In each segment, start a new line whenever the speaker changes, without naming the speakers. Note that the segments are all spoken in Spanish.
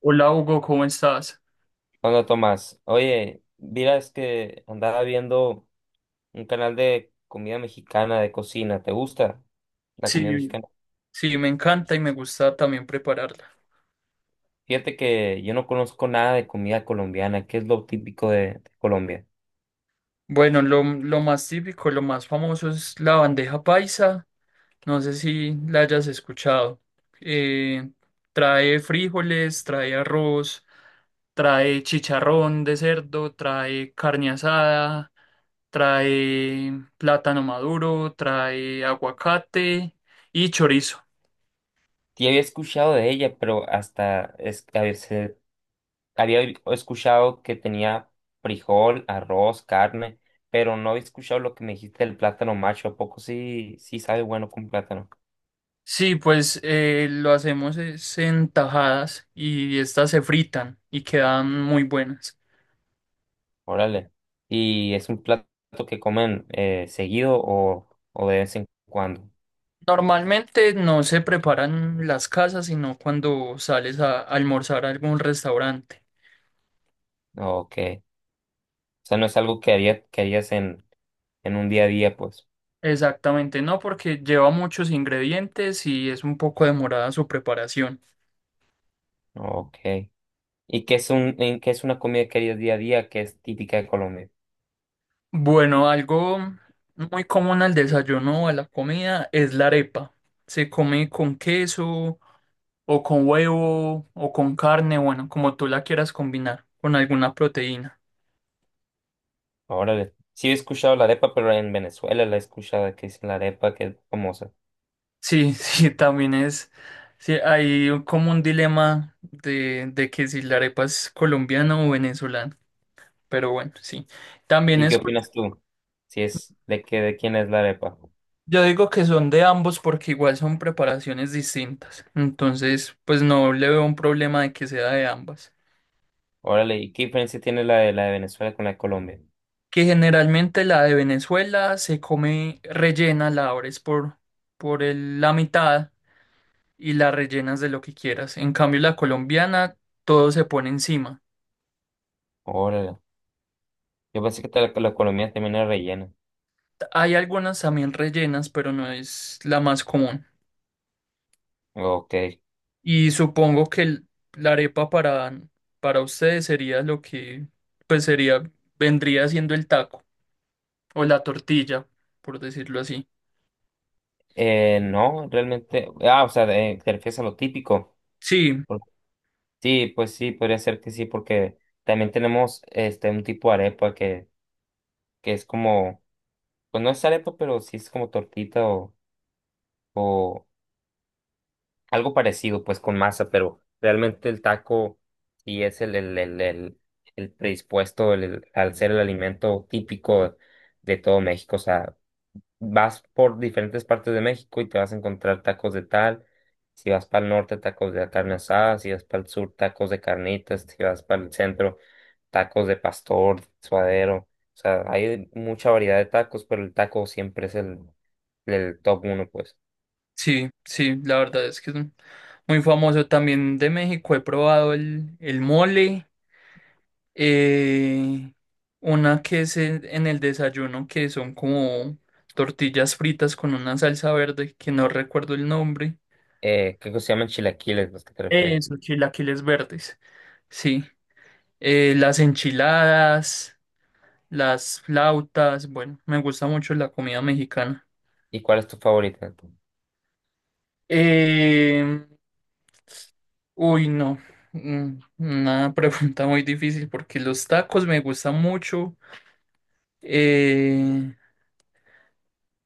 Hola Hugo, ¿cómo estás?
Hola Tomás, oye, miras que andaba viendo un canal de comida mexicana, de cocina, ¿te gusta la comida
Sí,
mexicana?
sí, me encanta y me gusta también prepararla.
Fíjate que yo no conozco nada de comida colombiana, ¿qué es lo típico de Colombia?
Bueno, lo más típico, lo más famoso es la bandeja paisa. No sé si la hayas escuchado. Eh, trae frijoles, trae arroz, trae chicharrón de cerdo, trae carne asada, trae plátano maduro, trae aguacate y chorizo.
Sí había escuchado de ella, pero hasta es, a veces había escuchado que tenía frijol, arroz, carne, pero no había escuchado lo que me dijiste del plátano macho, ¿a poco sí, sí sabe bueno con plátano?
Sí, pues lo hacemos es en tajadas y estas se fritan y quedan muy buenas.
Órale. ¿Y es un plato que comen seguido o de vez en cuando?
Normalmente no se preparan en las casas, sino cuando sales a almorzar a algún restaurante.
Ok. O sea, no es algo que haría, que harías en un día a día, pues.
Exactamente, no, porque lleva muchos ingredientes y es un poco demorada su preparación.
Ok. ¿Y qué es una comida que harías día a día que es típica de Colombia?
Bueno, algo muy común al desayuno o a la comida es la arepa. Se come con queso o con huevo, o con carne, bueno, como tú la quieras combinar, con alguna proteína.
Órale. Sí he escuchado la arepa, pero en Venezuela la he escuchado que es la arepa que es famosa.
Sí, sí, también es. Sí, hay como un dilema de que si la arepa es colombiana o venezolana. Pero bueno, sí. También
¿Y
es.
qué opinas tú? Si es de que de quién es la arepa.
Yo digo que son de ambos porque igual son preparaciones distintas. Entonces, pues no le veo un problema de que sea de ambas.
Órale, ¿y qué diferencia tiene la de Venezuela con la de Colombia?
Que generalmente la de Venezuela se come rellena, la abres por la mitad, y la rellenas de lo que quieras. En cambio, la colombiana, todo se pone encima.
Órale. Yo pensé que la economía también era rellena.
Hay algunas también rellenas, pero no es la más común.
Ok.
Y supongo que la arepa para ustedes sería lo que, pues sería, vendría siendo el taco o la tortilla, por decirlo así.
No, realmente. Ah, o sea, te refieres a lo típico.
Sí,
Por- Sí, pues sí, podría ser que sí, porque también tenemos este un tipo de arepa que es como, pues no es arepa, pero sí es como tortita o algo parecido, pues con masa, pero realmente el taco sí es el predispuesto al ser el alimento típico de todo México. O sea, vas por diferentes partes de México y te vas a encontrar tacos de tal, si vas para el norte, tacos de carne asada, si vas para el sur, tacos de carnitas, si vas para el centro, tacos de pastor, suadero, o sea, hay mucha variedad de tacos, pero el taco siempre es el top uno, pues.
sí, sí, la verdad es que es muy famoso. También de México he probado el mole. Eh, una que es en el desayuno, que son como tortillas fritas con una salsa verde, que no recuerdo el nombre.
Creo que se llaman chilaquiles los que te refieres.
Eso, chilaquiles verdes. Sí. Las enchiladas, las flautas. Bueno, me gusta mucho la comida mexicana.
¿Y cuál es tu favorita?
Eh, uy, no. Una pregunta muy difícil porque los tacos me gustan mucho. Eh,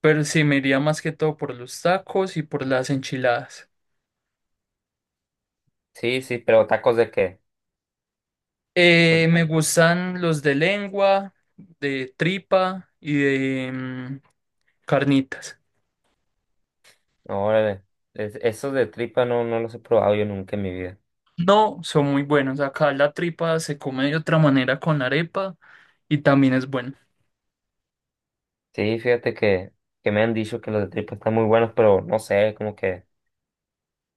Pero sí, me iría más que todo por los tacos y por las enchiladas.
Sí, sí, ¿pero tacos de qué?
Me gustan los de lengua, de tripa y de carnitas.
Órale, esos de tripa no, no los he probado yo nunca en mi vida.
No, son muy buenos. Acá la tripa se come de otra manera con arepa y también es bueno.
Sí, fíjate que me han dicho que los de tripa están muy buenos, pero no sé, como que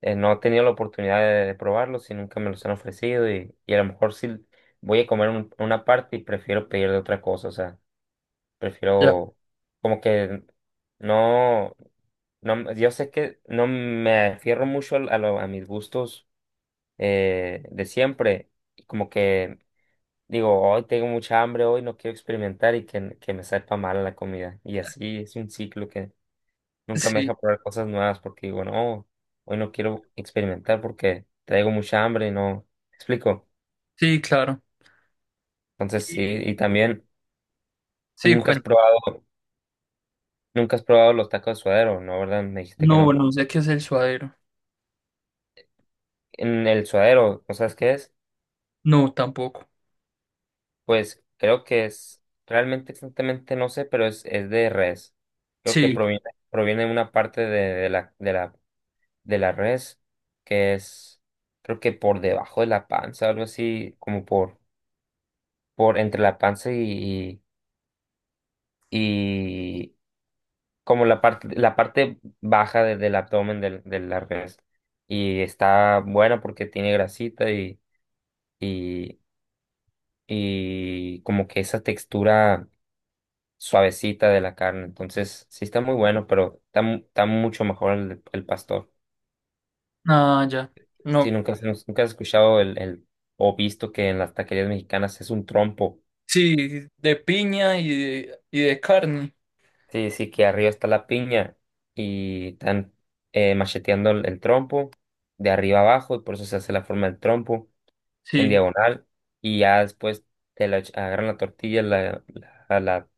no he tenido la oportunidad de probarlos y nunca me los han ofrecido y a lo mejor sí voy a comer una parte y prefiero pedir de otra cosa, o sea,
Ya.
prefiero como que no, no, yo sé que no me afierro mucho a mis gustos de siempre y como que digo, hoy tengo mucha hambre, hoy no quiero experimentar y que me sepa mal la comida y así es un ciclo. Nunca me
Sí,
deja probar cosas nuevas porque digo, no, hoy no quiero experimentar porque traigo mucha hambre y no. ¿Me explico?
sí, claro.
Entonces sí,
Y-
y también
sí,
nunca has
cuento.
probado, nunca has probado los tacos de suadero, ¿no? ¿Verdad? Me dijiste que
No,
no.
no sé qué es el suadero.
En el suadero, ¿no sabes qué es?
No, tampoco.
Pues creo que es, realmente exactamente no sé, pero es de res. Creo que
Sí,
proviene de una parte de la res que es, creo que por debajo de la panza, algo así, como por entre la panza y como la parte baja del abdomen del la. Y está buena porque tiene grasita y, y como que esa textura suavecita de la carne. Entonces, sí está muy bueno, pero está mucho mejor el pastor.
ah, ya.
Si
No,
nunca has escuchado o visto que en las taquerías mexicanas es un trompo.
sí, de piña y de carne.
Sí, sí, que arriba está la piña y están macheteando el trompo de arriba abajo, y por eso se hace la forma del trompo en
Sí,
diagonal y ya después agarran la tortilla, la, la,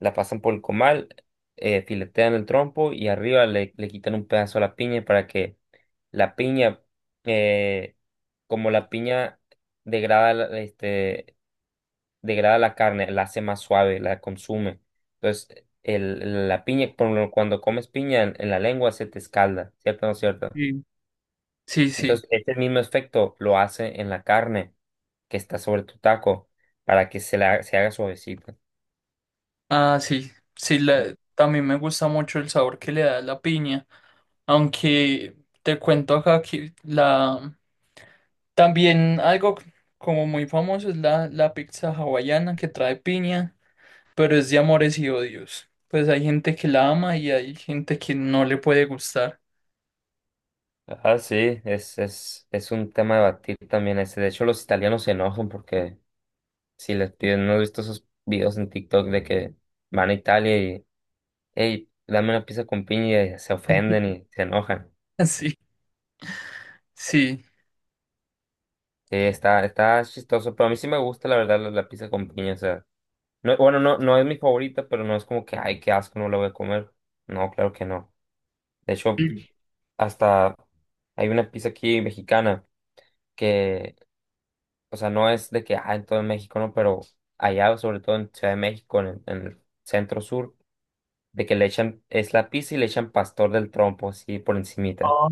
la pasan por el comal, filetean el trompo y arriba le quitan un pedazo a la piña para que la piña, eh, como la piña degrada la- este, degrada la carne, la hace más suave, la consume. Entonces, la piña, cuando comes piña en la lengua se te escalda, ¿cierto o no cierto?
sí, sí, sí.
Entonces, este mismo efecto lo hace en la carne que está sobre tu taco para que se haga suavecita.
Ah, sí, sí,
En-
también me gusta mucho el sabor que le da la piña, aunque te cuento acá también algo como muy famoso es la pizza hawaiana que trae piña, pero es de amores y odios. Pues hay gente que la ama y hay gente que no le puede gustar.
Ah, sí, es un tema de batir también ese. De hecho, los italianos se enojan porque si les piden, ¿no has visto esos videos en TikTok de que van a Italia y, hey, dame una pizza con piña y se ofenden y se enojan?
Sí, sí.
Sí, está chistoso, pero a mí sí me gusta la verdad la pizza con piña, o sea, no, bueno, no es mi favorita, pero no es como que, ay, qué asco, no la voy a comer. No, claro que no. De hecho,
Sí.
hasta hay una pizza aquí mexicana que, o sea, no es de que, ah, en todo México, no, pero allá, sobre todo en Ciudad de México, en el centro sur, de que le echan, es la pizza y le echan pastor del trompo, así por encimita.
Ah,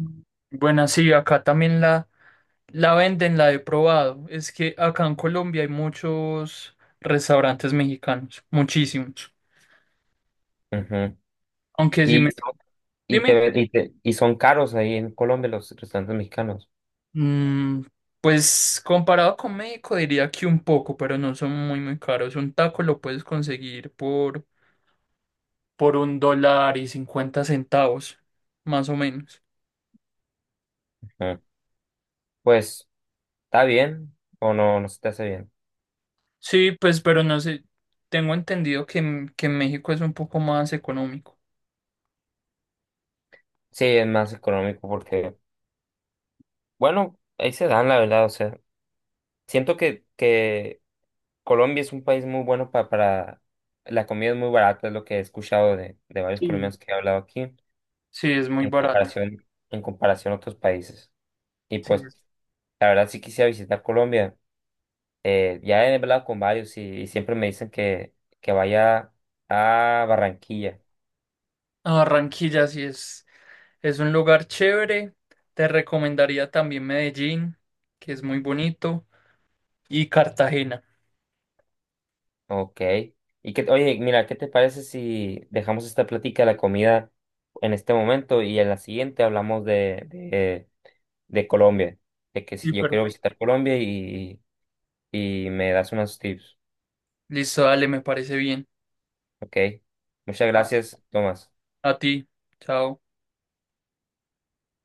bueno, sí, acá también la... La venden, la he probado. Es que acá en Colombia hay muchos restaurantes mexicanos, muchísimos.
Ujú.
Aunque si me...
Y son, y
Dime,
te, y te- y son caros ahí en Colombia los restaurantes mexicanos.
mm, pues comparado con México diría que un poco, pero no son muy, muy caros. Un taco lo puedes conseguir por $1.50, más o menos.
Ujú. Pues, ¿está bien o no, no se te hace bien?
Sí, pues, pero no sé, tengo entendido que en México es un poco más económico.
Sí, es más económico porque, bueno, ahí se dan, la verdad, o sea, siento que Colombia es un país muy bueno para, la comida es muy barata, es lo que he escuchado de varios
Sí.
colombianos que he hablado aquí,
Sí, es muy
en
barata.
comparación, en comparación a otros países. Y
Sí.
pues, la verdad sí quisiera visitar Colombia. Ya he hablado con varios y siempre me dicen que vaya a Barranquilla.
A Barranquilla sí es, un lugar chévere. Te recomendaría también Medellín, que es muy bonito, y Cartagena.
Ok. Y que, oye, mira, ¿qué te parece si dejamos esta plática de la comida en este momento y en la siguiente hablamos de Colombia? De que
Sí,
si yo quiero
perfecto.
visitar Colombia y me das unos tips.
Listo, dale, me parece bien.
Ok. Muchas
Ah.
gracias, Tomás.
A ti. Chao.